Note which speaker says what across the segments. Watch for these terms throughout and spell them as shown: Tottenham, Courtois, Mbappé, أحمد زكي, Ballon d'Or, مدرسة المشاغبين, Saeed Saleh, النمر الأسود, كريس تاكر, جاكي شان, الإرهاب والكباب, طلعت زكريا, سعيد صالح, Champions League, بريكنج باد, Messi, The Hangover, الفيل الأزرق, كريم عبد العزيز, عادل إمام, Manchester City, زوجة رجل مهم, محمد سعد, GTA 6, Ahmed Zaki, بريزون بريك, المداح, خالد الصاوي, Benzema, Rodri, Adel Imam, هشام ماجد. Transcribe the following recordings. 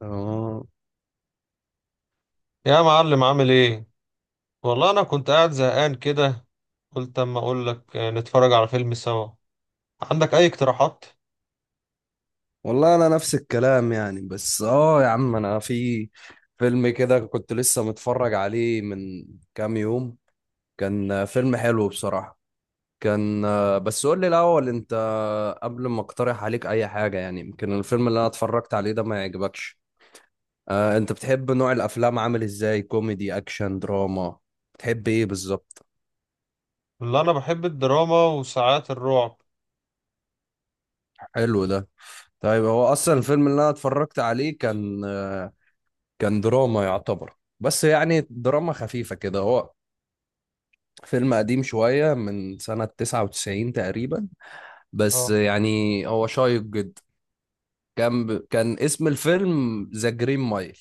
Speaker 1: اه
Speaker 2: يا معلم، عامل ايه؟ والله انا كنت قاعد زهقان كده. قلت اما اقول لك نتفرج على فيلم سوا. عندك اي اقتراحات؟
Speaker 1: والله انا نفس الكلام يعني، بس يا عم، انا في فيلم كده كنت لسه متفرج عليه من كام يوم. كان فيلم حلو بصراحة. كان، بس قول لي الاول انت، قبل ما اقترح عليك اي حاجة، يعني يمكن الفيلم اللي انا اتفرجت عليه ده ما يعجبكش. آه، انت بتحب نوع الافلام عامل ازاي؟ كوميدي، اكشن، دراما؟ بتحب ايه بالظبط؟
Speaker 2: اللي انا بحب الدراما وساعات الرعب.
Speaker 1: حلو ده. طيب، هو اصلا الفيلم اللي انا اتفرجت عليه كان دراما يعتبر، بس يعني دراما خفيفة كده. هو فيلم قديم شوية من سنة 99 تقريبا، بس
Speaker 2: اه.
Speaker 1: يعني هو شيق جدا. كان اسم الفيلم ذا جرين مايل.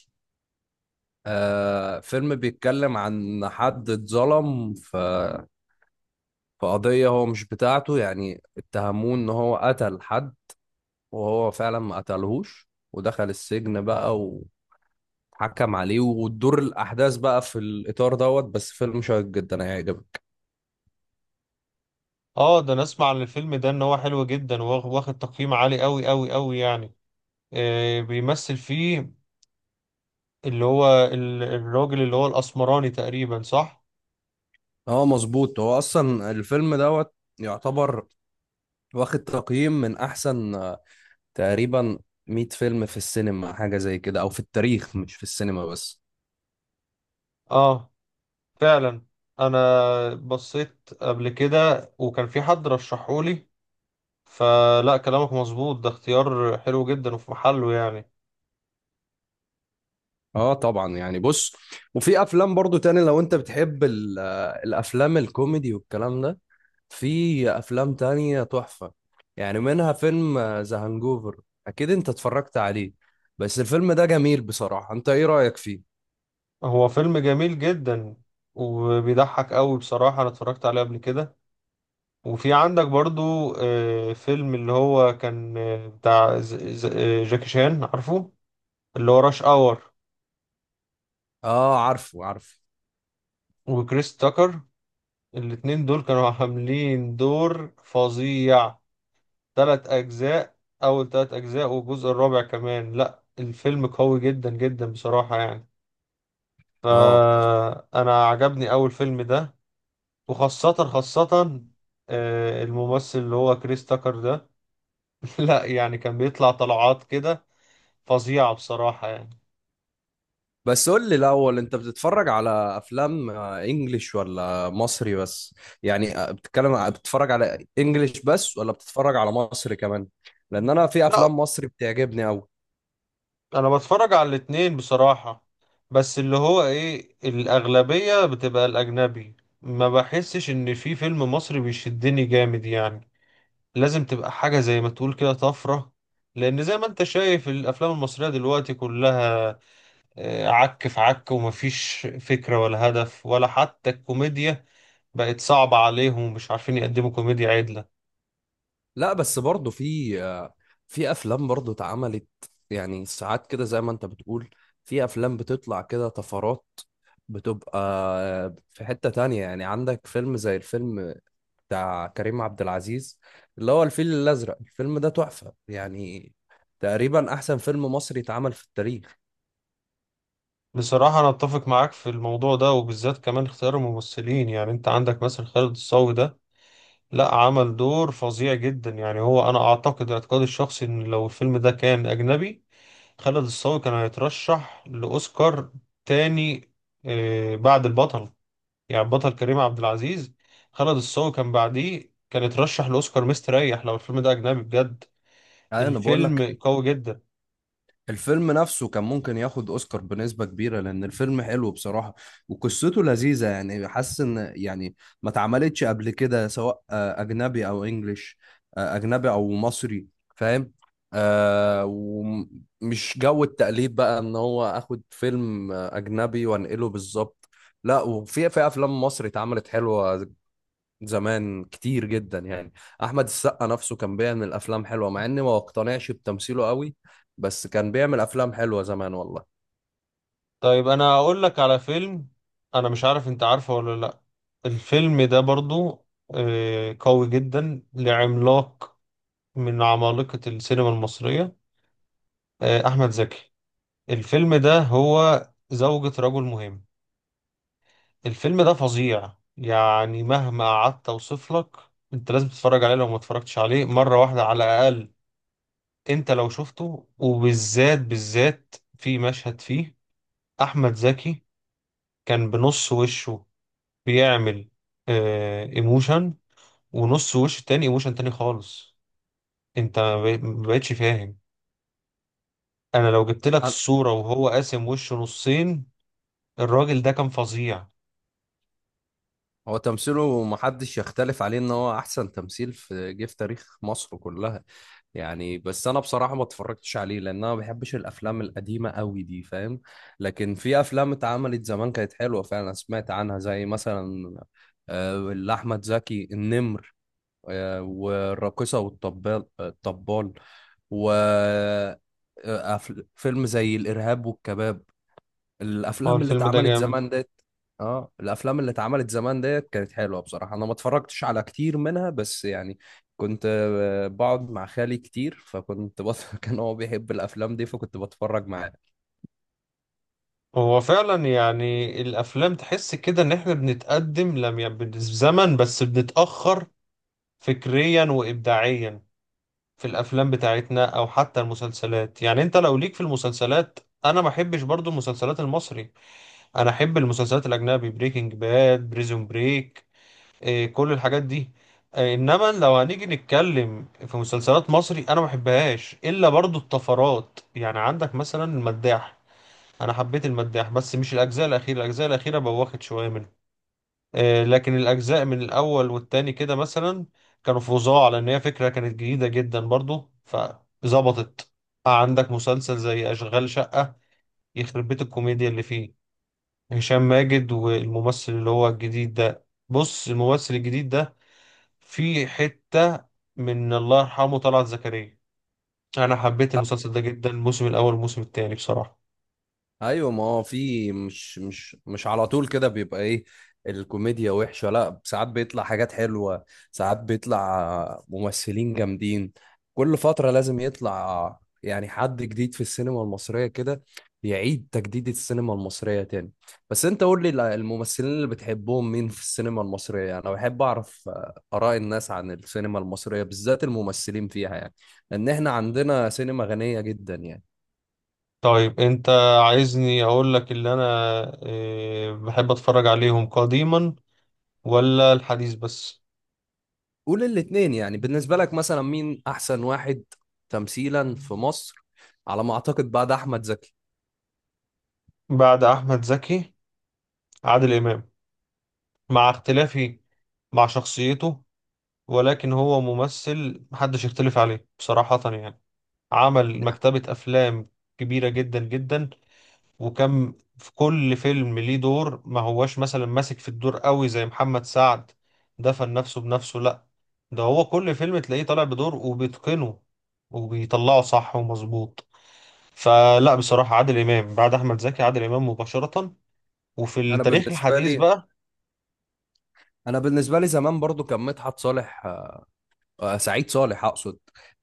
Speaker 1: آه، فيلم بيتكلم عن حد اتظلم في قضية هو مش بتاعته، يعني اتهموه ان هو قتل حد وهو فعلا ما قتلهوش، ودخل السجن بقى وحكم عليه، وتدور الأحداث بقى في الإطار دوت. بس فيلم شيق جدا، هيعجبك.
Speaker 2: اه، ده انا اسمع عن الفيلم ده ان هو حلو جدا، واخد تقييم عالي قوي قوي قوي يعني. آه، بيمثل فيه اللي هو الراجل اللي هو الاسمراني تقريبا، صح؟
Speaker 1: اه مظبوط، هو اصلا الفيلم دوت يعتبر واخد تقييم من احسن، تقريبا 100 فيلم في السينما، حاجه زي كده، او في التاريخ، مش في السينما بس.
Speaker 2: اه، فعلا. انا بصيت قبل كده وكان في حد رشحولي، فلا كلامك مظبوط، ده اختيار حلو جدا وفي محله يعني.
Speaker 1: اه طبعا يعني بص، وفي افلام برضو تاني لو انت بتحب الافلام الكوميدي والكلام ده، في افلام تانية تحفه، يعني منها فيلم ذا هانجوفر. اكيد انت اتفرجت عليه، بس الفيلم ده جميل بصراحه. انت ايه رايك فيه؟
Speaker 2: هو فيلم جميل جدا وبيضحك قوي بصراحة، انا اتفرجت عليه قبل كده. وفي عندك برضو فيلم اللي هو كان بتاع جاكي شان، عارفه؟ اللي هو راش اور
Speaker 1: اه، عارفه عارفه.
Speaker 2: وكريس تاكر. الاتنين دول كانوا عاملين دور فظيع. تلات اجزاء، اول تلات اجزاء والجزء الرابع كمان، لا الفيلم قوي جدا جدا بصراحة يعني.
Speaker 1: اه،
Speaker 2: فأنا عجبني أول فيلم ده. وخاصة خاصة الممثل اللي هو كريس تاكر ده، لا يعني كان بيطلع طلعات كده فظيعة بصراحة يعني.
Speaker 1: بس قول لي الأول، أنت بتتفرج على أفلام إنجليش ولا مصري بس؟ يعني بتتكلم بتتفرج على إنجليش بس ولا بتتفرج على مصري كمان؟ لأن أنا في
Speaker 2: لا،
Speaker 1: أفلام مصري بتعجبني أوي.
Speaker 2: أنا بتفرج على الاتنين بصراحة، بس اللي هو إيه، الأغلبية بتبقى الأجنبي. ما بحسش إن في فيلم مصري بيشدني جامد يعني، لازم تبقى حاجة زي ما تقول كده طفرة. لأن زي ما أنت شايف الأفلام المصرية دلوقتي كلها عك في عك، ومفيش فكرة ولا هدف، ولا حتى الكوميديا بقت صعبة عليهم ومش عارفين يقدموا كوميديا عدلة.
Speaker 1: لا بس برضه في أفلام برضه اتعملت، يعني ساعات كده زي ما أنت بتقول، في أفلام بتطلع كده طفرات، بتبقى في حتة تانية. يعني عندك فيلم زي الفيلم بتاع كريم عبد العزيز، اللي هو الفيل الأزرق. الفيلم ده تحفة يعني، تقريبا أحسن فيلم مصري اتعمل في التاريخ.
Speaker 2: بصراحة أنا أتفق معاك في الموضوع ده، وبالذات كمان اختيار الممثلين. يعني أنت عندك مثلا خالد الصاوي ده، لا عمل دور فظيع جدا يعني. هو أنا أعتقد اعتقادي الشخصي إن لو الفيلم ده كان أجنبي، خالد الصاوي كان هيترشح لأوسكار تاني بعد البطل، يعني بطل كريم عبد العزيز. خالد الصاوي كان بعديه، كان اترشح لاوسكار مستريح لو الفيلم ده اجنبي بجد.
Speaker 1: أنا بقول لك،
Speaker 2: الفيلم قوي جدا.
Speaker 1: الفيلم نفسه كان ممكن ياخد اوسكار بنسبة كبيرة، لان الفيلم حلو بصراحة وقصته لذيذة، يعني حاسس ان يعني ما اتعملتش قبل كده، سواء اجنبي او انجليش، اجنبي او مصري، فاهم؟ آه، ومش جو التقليد بقى، ان هو اخد فيلم اجنبي وانقله بالظبط. لا، وفي افلام مصري اتعملت حلوة زمان، كتير جدا يعني. احمد السقا نفسه كان بيعمل افلام حلوه، مع اني ما اقتنعش بتمثيله قوي، بس كان بيعمل افلام حلوه زمان والله.
Speaker 2: طيب انا اقول لك على فيلم، انا مش عارف انت عارفه ولا لا. الفيلم ده برضو قوي جدا، لعملاق من عمالقة السينما المصرية، احمد زكي. الفيلم ده هو زوجة رجل مهم. الفيلم ده فظيع يعني، مهما قعدت اوصف لك. انت لازم تتفرج عليه لو ما اتفرجتش عليه، مرة واحدة على الأقل. انت لو شفته، وبالذات بالذات في مشهد فيه احمد زكي كان بنص وشه بيعمل اه ايموشن، ونص وش تاني ايموشن تاني خالص. انت ما بقتش فاهم. انا لو جبت لك
Speaker 1: أنا-
Speaker 2: الصورة وهو قاسم وشه نصين، الراجل ده كان فظيع.
Speaker 1: هو تمثيله محدش يختلف عليه، ان هو احسن تمثيل في جه في تاريخ مصر كلها يعني. بس انا بصراحه ما اتفرجتش عليه، لان انا ما بحبش الافلام القديمه قوي دي، فاهم. لكن في افلام اتعملت زمان كانت حلوه فعلا، أنا سمعت عنها، زي مثلا اللي احمد زكي، النمر. والراقصه والطبال، الطبال، و فيلم زي الإرهاب والكباب.
Speaker 2: هو
Speaker 1: الأفلام اللي
Speaker 2: الفيلم ده
Speaker 1: اتعملت
Speaker 2: جامد.
Speaker 1: زمان ديت. اه، الأفلام اللي اتعملت زمان ديت كانت حلوة بصراحة، أنا ما اتفرجتش على كتير منها بس يعني كنت بقعد مع خالي كتير، كان هو بيحب الأفلام دي فكنت بتفرج معاه.
Speaker 2: هو فعلا يعني الافلام تحس كده ان احنا بنتقدم، لم يعني بالزمن، بس بنتأخر فكريا وابداعيا في الافلام بتاعتنا، او حتى المسلسلات. يعني انت لو ليك في المسلسلات، انا ما احبش برضو المسلسلات المصري، انا احب المسلسلات الاجنبي، بريكنج باد، بريزون بريك، إيه كل الحاجات دي. إيه، انما لو هنيجي نتكلم في مسلسلات مصري، انا ما بحبهاش الا برضو الطفرات. يعني عندك مثلا المداح، انا حبيت المداح بس مش الاجزاء الاخيره، الاجزاء الاخيره بوخت شويه منه، لكن الأجزاء من الأول والتاني كده مثلا كانوا فظاع، لأن هي فكرة كانت جديدة جدا برضو فظبطت. عندك مسلسل زي أشغال شقة، يخرب بيت الكوميديا اللي فيه. هشام ماجد والممثل اللي هو الجديد ده، بص الممثل الجديد ده فيه حتة من الله يرحمه طلعت زكريا. أنا حبيت المسلسل ده جدا، الموسم الأول والموسم التاني بصراحة.
Speaker 1: ايوه، ما هو في مش على طول كده بيبقى ايه الكوميديا وحشه، لا ساعات بيطلع حاجات حلوه، ساعات بيطلع ممثلين جامدين. كل فتره لازم يطلع يعني حد جديد في السينما المصريه كده، يعيد تجديد السينما المصريه تاني. بس انت قول لي الممثلين اللي بتحبهم مين في السينما المصريه؟ يعني انا بحب اعرف اراء الناس عن السينما المصريه، بالذات الممثلين فيها يعني، لان احنا عندنا سينما غنيه جدا يعني.
Speaker 2: طيب أنت عايزني أقول لك اللي أنا بحب أتفرج عليهم قديما، ولا الحديث بس؟
Speaker 1: قول الاتنين، يعني بالنسبة لك مثلا مين أحسن واحد تمثيلا في مصر، على ما أعتقد بعد أحمد زكي؟
Speaker 2: بعد أحمد زكي، عادل إمام، مع اختلافي مع شخصيته، ولكن هو ممثل محدش يختلف عليه بصراحة يعني. عمل
Speaker 1: ده-
Speaker 2: مكتبة أفلام كبيرة جدا جدا، وكم في كل فيلم ليه دور، ما هواش مثلا ماسك في الدور قوي زي محمد سعد، دفن نفسه بنفسه، لا ده هو كل فيلم تلاقيه طالع بدور وبيتقنه وبيطلعه صح ومظبوط. فلا بصراحة، عادل إمام بعد أحمد زكي، عادل إمام مباشرة. وفي
Speaker 1: أنا
Speaker 2: التاريخ
Speaker 1: بالنسبة
Speaker 2: الحديث
Speaker 1: لي
Speaker 2: بقى،
Speaker 1: أنا بالنسبة لي زمان برضو كان مدحت صالح، سعيد صالح أقصد.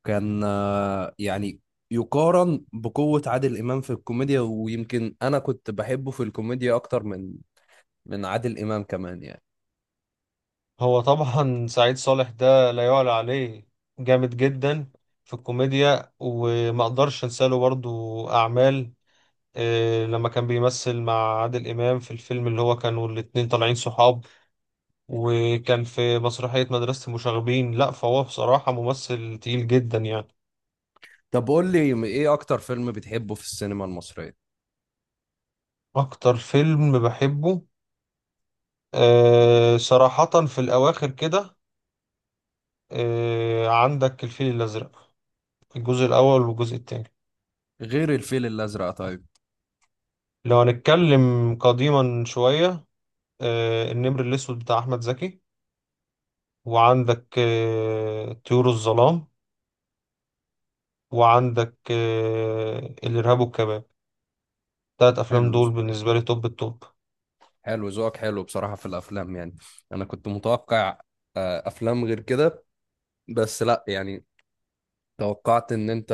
Speaker 1: كان يعني يقارن بقوة عادل إمام في الكوميديا، ويمكن أنا كنت بحبه في الكوميديا أكتر من عادل إمام كمان يعني.
Speaker 2: هو طبعا سعيد صالح ده لا يعلى عليه، جامد جدا في الكوميديا. وما اقدرش انسى له برضو اعمال، لما كان بيمثل مع عادل امام في الفيلم اللي هو كانوا الاتنين طالعين صحاب، وكان في مسرحية مدرسة المشاغبين. لا فهو بصراحة ممثل تقيل جدا يعني.
Speaker 1: طب قول لي، إيه أكتر فيلم بتحبه في السينما المصرية
Speaker 2: اكتر فيلم بحبه، صراحة في الاواخر كده، عندك الفيل الازرق، الجزء الاول والجزء التاني.
Speaker 1: غير الفيل الأزرق؟ طيب،
Speaker 2: لو هنتكلم قديما شوية، النمر الأسود بتاع أحمد زكي، وعندك طيور الظلام، وعندك الإرهاب والكباب. تلات أفلام
Speaker 1: حلو
Speaker 2: دول بالنسبة لي توب التوب.
Speaker 1: حلو، ذوقك حلو بصراحة في الأفلام يعني. أنا كنت متوقع أفلام غير كده، بس لأ يعني، توقعت إن أنت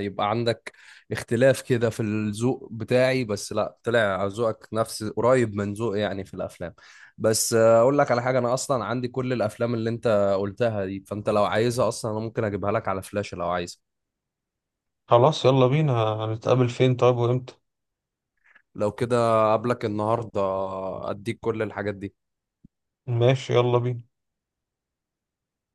Speaker 1: يبقى عندك اختلاف كده في الذوق بتاعي، بس لأ، طلع ذوقك نفس، قريب من ذوقي يعني في الأفلام. بس أقول لك على حاجة، أنا أصلا عندي كل الأفلام اللي أنت قلتها دي، فأنت لو عايزها أصلا أنا ممكن أجيبها لك على فلاشة لو عايز.
Speaker 2: خلاص يلا بينا، هنتقابل فين طيب وإمتى؟
Speaker 1: لو كده قبلك النهاردة، أديك كل الحاجات دي.
Speaker 2: ماشي يلا بينا.